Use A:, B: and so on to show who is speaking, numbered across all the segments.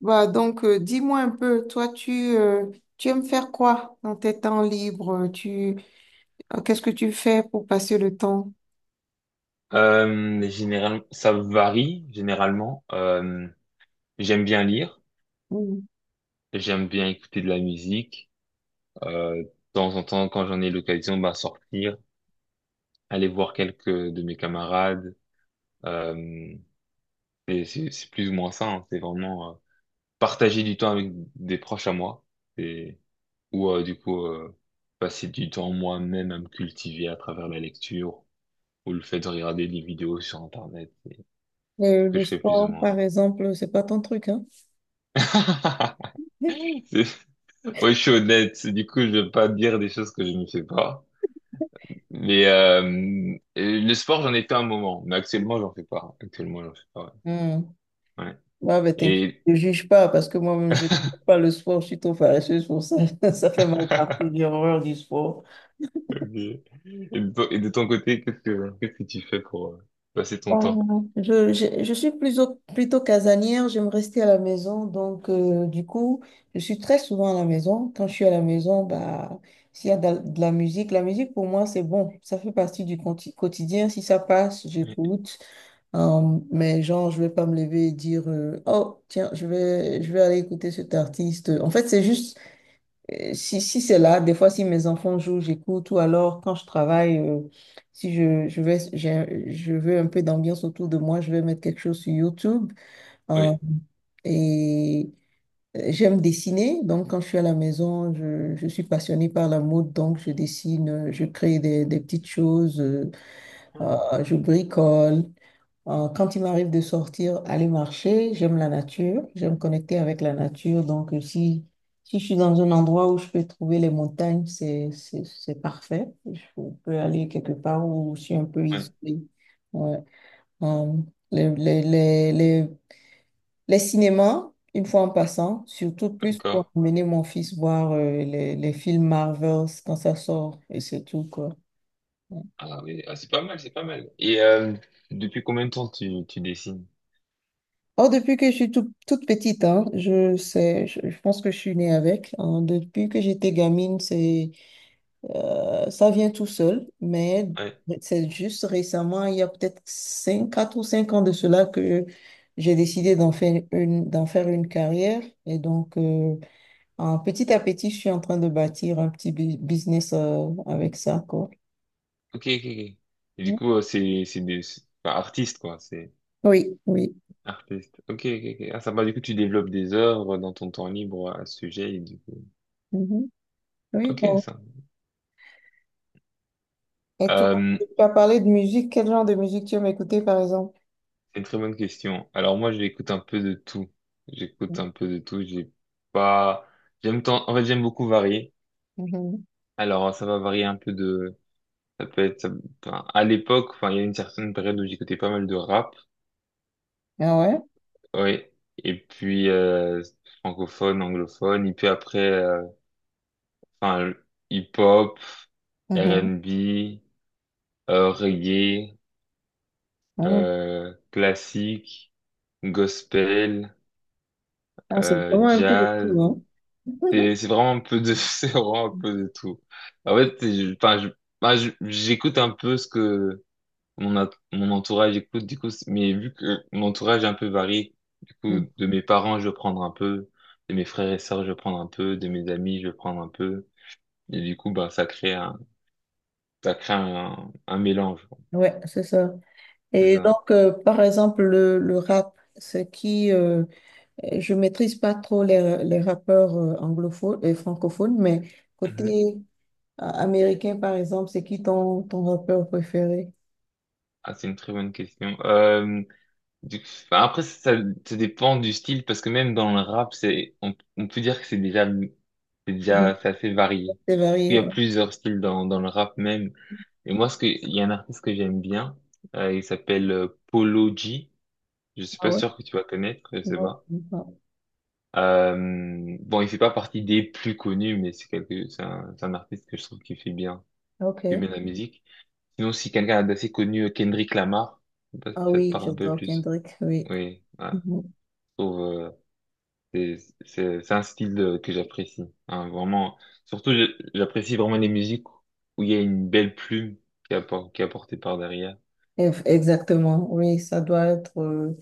A: Dis-moi un peu, toi, tu aimes faire quoi dans tes temps libres? Qu'est-ce que tu fais pour passer le temps?
B: Euh, Ça varie généralement. J'aime bien lire,
A: Mm.
B: j'aime bien écouter de la musique. De temps en temps, quand j'en ai l'occasion, bah, sortir, aller voir quelques de mes camarades. Euh, et c'est plus ou moins ça, hein. C'est vraiment partager du temps avec des proches à moi. Et, ou du coup, passer du temps moi-même à me cultiver à travers la lecture ou le fait de regarder des vidéos sur Internet. C'est ce que
A: Le
B: je fais plus ou
A: sport,
B: moins.
A: par exemple, c'est pas ton truc, hein?
B: Moi, je suis honnête, du coup, je vais pas dire des choses que je ne fais pas. Mais le sport, j'en ai fait un moment, mais actuellement, j'en fais pas. Actuellement, j'en fais pas.
A: Hmm.
B: Ouais. Ouais.
A: Ouais, ben, t'inquiète,
B: Et...
A: ne juge pas parce que moi-même, je n'aime pas le sport, je suis trop faresseuse pour ça. Ça fait mal partout, j'ai horreur du sport.
B: Ok. Et de ton côté, qu'est-ce que tu fais pour passer ton temps?
A: Bon, je suis plutôt casanière, j'aime rester à la maison, donc je suis très souvent à la maison. Quand je suis à la maison, bah, s'il y a de la musique pour moi c'est bon, ça fait partie du quotidien. Si ça passe,
B: Oui.
A: j'écoute. Mais genre, je vais pas me lever et dire oh, tiens, je vais aller écouter cet artiste. En fait, c'est juste. Si c'est là, des fois, si mes enfants jouent, j'écoute, ou alors quand je travaille, si je, je vais, j'ai- je veux un peu d'ambiance autour de moi, je vais mettre quelque chose sur YouTube, hein.
B: Oui.
A: Et j'aime dessiner, donc quand je suis à la maison, je suis passionnée par la mode, donc je dessine, je crée des petites choses.
B: Hmm.
A: Je bricole. Quand il m'arrive de sortir, aller marcher, j'aime la nature, j'aime connecter avec la nature. Donc si je suis dans un endroit où je peux trouver les montagnes, c'est parfait. Je peux aller quelque part où je suis un peu
B: Ouais.
A: isolée. Ouais. Euh, les, les, les, les, les cinémas, une fois en passant, surtout plus
B: D'accord.
A: pour emmener mon fils voir les films Marvels quand ça sort, et c'est tout, quoi.
B: Ah oui, ah, c'est pas mal, c'est pas mal. Et depuis combien de temps tu dessines?
A: Oh, depuis que je suis toute petite, hein, je pense que je suis née avec, hein. Depuis que j'étais gamine, ça vient tout seul, mais
B: Ouais.
A: c'est juste récemment, il y a peut-être 5, 4 ou 5 ans de cela que j'ai décidé d'en faire une carrière. Et donc petit à petit, je suis en train de bâtir un petit business avec ça, quoi.
B: Ok, ok, ok. Et du
A: Mmh.
B: coup, c'est enfin, artistes quoi, c'est.
A: Oui, oui.
B: Artiste. Ok, ok, ok. Ah, ça va, du coup, tu développes des œuvres dans ton temps libre à ce sujet, et du coup.
A: Mhm. Oui,
B: Ok,
A: bon.
B: ça.
A: Et toi,
B: Euh,
A: tu as parlé de musique. Quel genre de musique tu aimes écouter, par exemple?
B: c'est une très bonne question. Alors, moi, j'écoute un peu de tout. J'écoute un peu de tout. J'ai pas, j'aime tant, en fait, j'aime beaucoup varier.
A: Mhm.
B: Alors, ça va varier un peu de, ça peut être, enfin, à l'époque, enfin, il y a une certaine période où j'écoutais pas mal de rap.
A: Ah ouais?
B: Ouais. Et puis, francophone, anglophone. Et puis après, enfin, hip-hop,
A: Mhm.
B: R&B, reggae,
A: Mhm.
B: classique, gospel,
A: Ah, c'est vraiment un peu de
B: jazz.
A: tout, hein?
B: C'est vraiment un peu de c'est vraiment un peu de tout. En fait, enfin, enfin, j'écoute un peu ce que mon entourage écoute du coup, mais vu que mon entourage est un peu varié, du coup,
A: Mhm.
B: de mes parents, je vais prendre un peu, de mes frères et sœurs, je vais prendre un peu, de mes amis, je vais prendre un peu. Et du coup, bah, ça crée un, un mélange.
A: Ouais, c'est ça.
B: C'est
A: Et
B: ça.
A: donc, euh, par exemple, le rap, je maîtrise pas trop les rappeurs anglophones et francophones, mais
B: Mhm.
A: côté américain, par exemple, c'est qui ton rappeur préféré?
B: Ah, c'est une très bonne question. Du- Bah, après, ça dépend du style, parce que même dans le rap, c'est, on peut dire que c'est déjà,
A: Mhm.
B: c'est assez varié.
A: C'est
B: Il y
A: varié,
B: a
A: ouais.
B: plusieurs styles dans, dans le rap même. Et moi, ce que, il y a un artiste que j'aime bien, il s'appelle Polo G. Je suis
A: Ah
B: pas
A: ouais?
B: sûr que tu vas connaître, je sais
A: Non,
B: pas.
A: non.
B: Euh, bon, il fait pas partie des plus connus, mais c'est quelque, c'est un artiste que je trouve
A: Ok.
B: qui fait bien la musique. Sinon, si quelqu'un d'assez connu, Kendrick Lamar, je sais pas si
A: Ah
B: ça te
A: oui,
B: parle un peu
A: j'adore
B: plus.
A: Kendrick, oui.
B: Oui,
A: Mhm.
B: ouais. C'est c'est un que j'apprécie, hein, vraiment. Surtout, j'apprécie vraiment les musiques où il y a une belle plume qui est, qui est apportée par derrière.
A: Exactement, oui, ça doit être.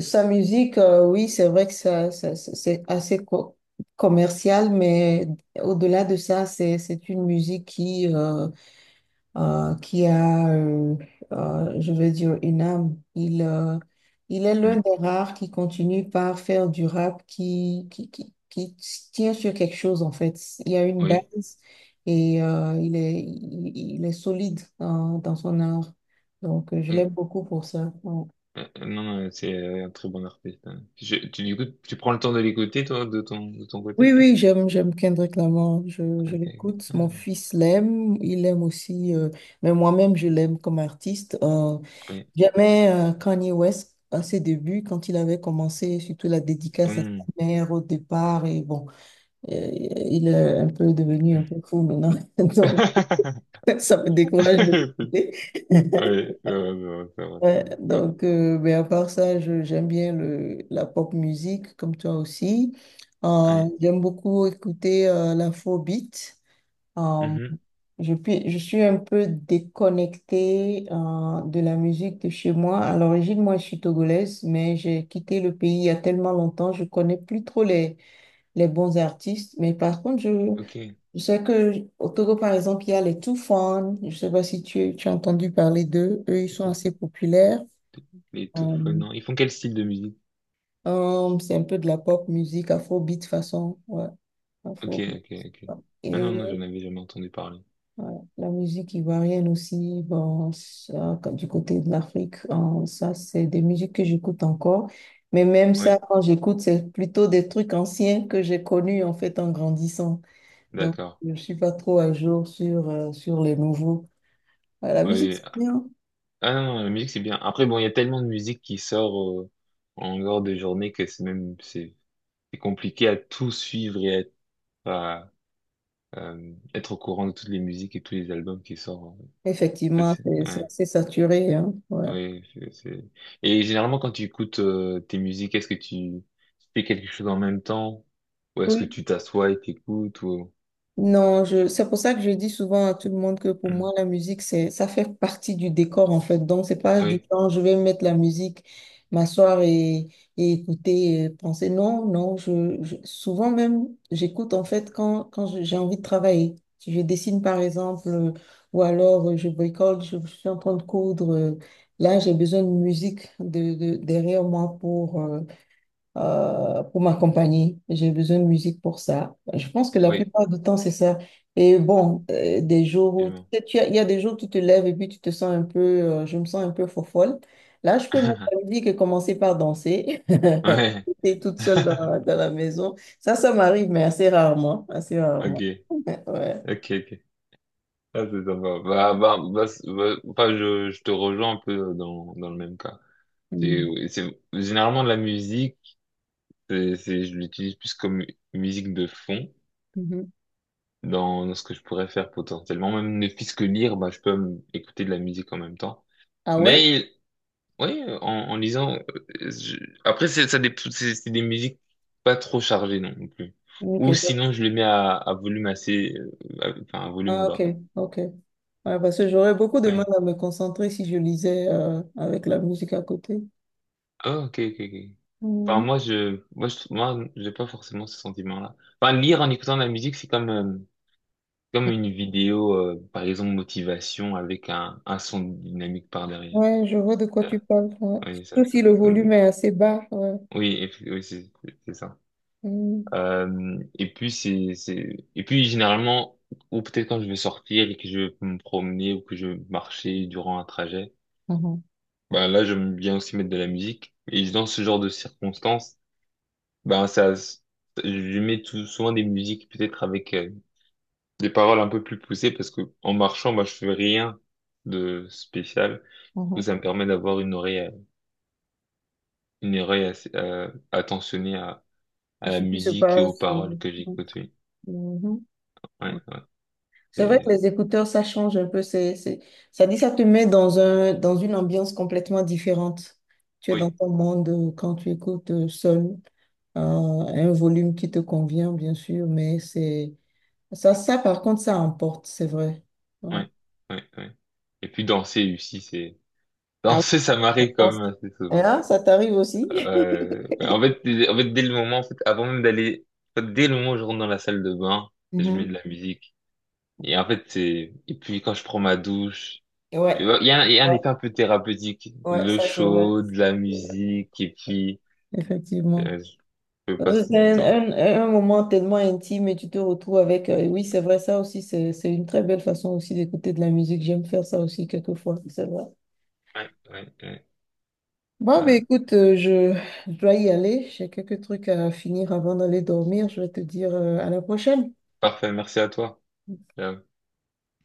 A: Sa musique, oui, c'est vrai que c'est assez commercial, mais au-delà de ça, c'est une musique qui, euh, qui a, euh, je veux dire, une âme. Il est l'un
B: Mm,
A: des rares qui continue par faire du rap qui tient sur quelque chose, en fait. Il y a une
B: oui.
A: base et il est solide dans, dans son art. Donc je
B: Mm,
A: l'aime beaucoup pour ça.
B: non, non, c'est un très bon artiste, hein. Tu, du coup, tu prends le temps de l'écouter, toi, de ton
A: Oui,
B: côté?
A: oui, j'aime, j'aime Kendrick Lamar, je
B: Ok, ok.
A: l'écoute. Mon
B: Ah,
A: fils l'aime, il aime aussi, mais moi-même, je l'aime comme artiste.
B: oui.
A: J'aimais Kanye West à ses débuts, quand il avait commencé, surtout la dédicace à
B: Mm.
A: sa mère au départ, et bon, il est un peu devenu un peu fou maintenant, donc ça me décourage de l'écouter.
B: Ouais, c'est vrai, c'est vrai, c'est vrai, c'est
A: Ouais,
B: vrai. Bon.
A: donc mais à part ça, j'aime bien la pop musique, comme toi aussi.
B: Ouais.
A: J'aime beaucoup écouter l'afrobeat. Euh,
B: Mhm.
A: je suis un peu déconnectée de la musique de chez moi. À l'origine, moi, je suis togolaise, mais j'ai quitté le pays il y a tellement longtemps, je connais plus trop les bons artistes. Mais par contre,
B: Ok.
A: je sais que au Togo, par exemple, il y a les Toufan. Je sais pas si tu as entendu parler d'eux. Eux, ils sont assez populaires.
B: Les tout
A: Euh,
B: non, ils font quel style de musique?
A: c'est un peu de la pop musique, afrobeat façon. Ouais,
B: Ok,
A: afro.
B: ok, ok. Ah non,
A: Et
B: non, j'en avais jamais entendu parler.
A: ouais, la musique ivoirienne aussi, bon, ça, du côté de l'Afrique, hein, ça, c'est des musiques que j'écoute encore. Mais même
B: Oui,
A: ça, quand j'écoute, c'est plutôt des trucs anciens que j'ai connus en fait en grandissant. Donc,
B: d'accord.
A: je ne suis pas trop à jour sur, sur les nouveaux. Ouais, la musique,
B: Oui.
A: c'est bien.
B: Ah non, non, la musique c'est bien. Après, bon, il y a tellement de musique qui sort en dehors de journée que c'est même c'est compliqué à tout suivre et à, être au courant de toutes les musiques et tous les albums qui sortent. Ça,
A: Effectivement, c'est
B: ouais,
A: assez saturé, hein,
B: oui, et généralement, quand tu écoutes tes musiques, est-ce que tu fais quelque chose en même temps ou est-ce que
A: ouais.
B: tu t'assois et t'écoutes ou...
A: Non, je, c'est pour ça que je dis souvent à tout le monde que pour
B: Hmm.
A: moi, la musique, ça fait partie du décor, en fait. Donc, c'est pas du
B: Oui,
A: genre, je vais mettre la musique, m'asseoir et écouter, et penser. Non, non, souvent même, j'écoute, en fait, quand j'ai envie de travailler. Si je dessine, par exemple, ou alors je bricole, je suis en train de coudre. Là, j'ai besoin de musique derrière moi pour m'accompagner. J'ai besoin de musique pour ça. Je pense que la
B: oui,
A: plupart du temps, c'est ça. Et bon, des jours
B: c'est
A: où tu
B: bon.
A: sais, il y a des jours où tu te lèves et puis tu te sens un peu, je me sens un peu fofolle. Là, je peux mettre la musique et commencer par danser.
B: Ouais.
A: J'étais toute seule dans la maison. Ça m'arrive, mais assez rarement. Assez rarement.
B: Ok,
A: Ouais.
B: ok, ok. Ah, c'est sympa. Bah, bah, bah, bah, enfin, je te rejoins un peu dans, dans le même cas. C'est,
A: Mm.
B: c'est, généralement, la musique, c'est, je l'utilise plus comme musique de fond
A: Mhm.
B: dans, dans ce que je pourrais faire potentiellement. Même ne fût-ce que lire, bah, je peux écouter de la musique en même temps.
A: Ah ouais?
B: Mais, oui, en, en lisant, euh, je- après, c'est, ça, c'est des musiques pas trop chargées non plus.
A: Ok.
B: Ou sinon, je les mets à volume assez, enfin, à volume
A: Ah, ok.
B: bas.
A: Ok. Ouais, parce que j'aurais beaucoup de mal
B: Ouais.
A: à me concentrer si je lisais avec la musique à côté.
B: Ah, ok, ok, ok. Enfin,
A: Mm.
B: moi, j'ai pas forcément ce sentiment-là. Enfin, lire en écoutant de la musique, c'est comme, comme une vidéo, par exemple, motivation avec un son dynamique par derrière.
A: Ouais, je vois de quoi tu
B: Ça,
A: parles, ouais.
B: oui, ça,
A: Surtout
B: ça,
A: si le volume est assez bas, ouais.
B: oui, oui, c'est ça.
A: Mm.
B: Et puis c'est, et puis généralement, ou peut-être quand je vais sortir et que je vais me promener ou que je vais marcher durant un trajet,
A: Mhm,
B: bah là, j'aime bien aussi mettre de la musique. Et dans ce genre de circonstances, ben, ça, je mets tout, souvent des musiques peut-être avec des paroles un peu plus poussées parce que en marchant, moi, je fais rien de spécial. Donc,
A: mhm.
B: ça me permet d'avoir une oreille assez, attentionnée
A: C'est
B: à la
A: Ce qui se
B: musique et aux
A: passe.
B: paroles que j'écoute. Oui.
A: Mhm. Ouais.
B: Ouais,
A: C'est vrai que
B: c'est-
A: les écouteurs, ça change un peu. Ça dit, ça te met dans un, dans une ambiance complètement différente. Tu es dans
B: oui,
A: ton monde quand tu écoutes seul, un volume qui te convient, bien sûr, mais ça, par contre, ça emporte, c'est vrai. Ouais.
B: oui, oui, oui. Et puis danser aussi, c'est
A: Ah,
B: danser, ça
A: oui,
B: m'arrive
A: je
B: quand
A: pense.
B: même assez souvent.
A: Hein, ça t'arrive aussi?
B: En fait, en fait, dès le moment, en fait, avant même d'aller, en fait, dès le moment où je rentre dans la salle de bain, je mets de
A: Mhm.
B: la musique. Et en fait, c'est, et puis quand je prends ma douche, il
A: Ouais.
B: y a un, il y a un effet un peu thérapeutique.
A: Ouais,
B: Le
A: ça c'est vrai.
B: chaud, de la musique, et puis,
A: Effectivement.
B: euh, je peux passer du temps.
A: Un moment tellement intime et tu te retrouves avec... oui, c'est vrai, ça aussi, c'est une très belle façon aussi d'écouter de la musique. J'aime faire ça aussi quelquefois, c'est vrai.
B: Ouais, ouais, ouais,
A: Bon, mais
B: ouais.
A: écoute, je dois y aller. J'ai quelques trucs à finir avant d'aller dormir. Je vais te dire, à la prochaine.
B: Parfait, merci à toi. Euh,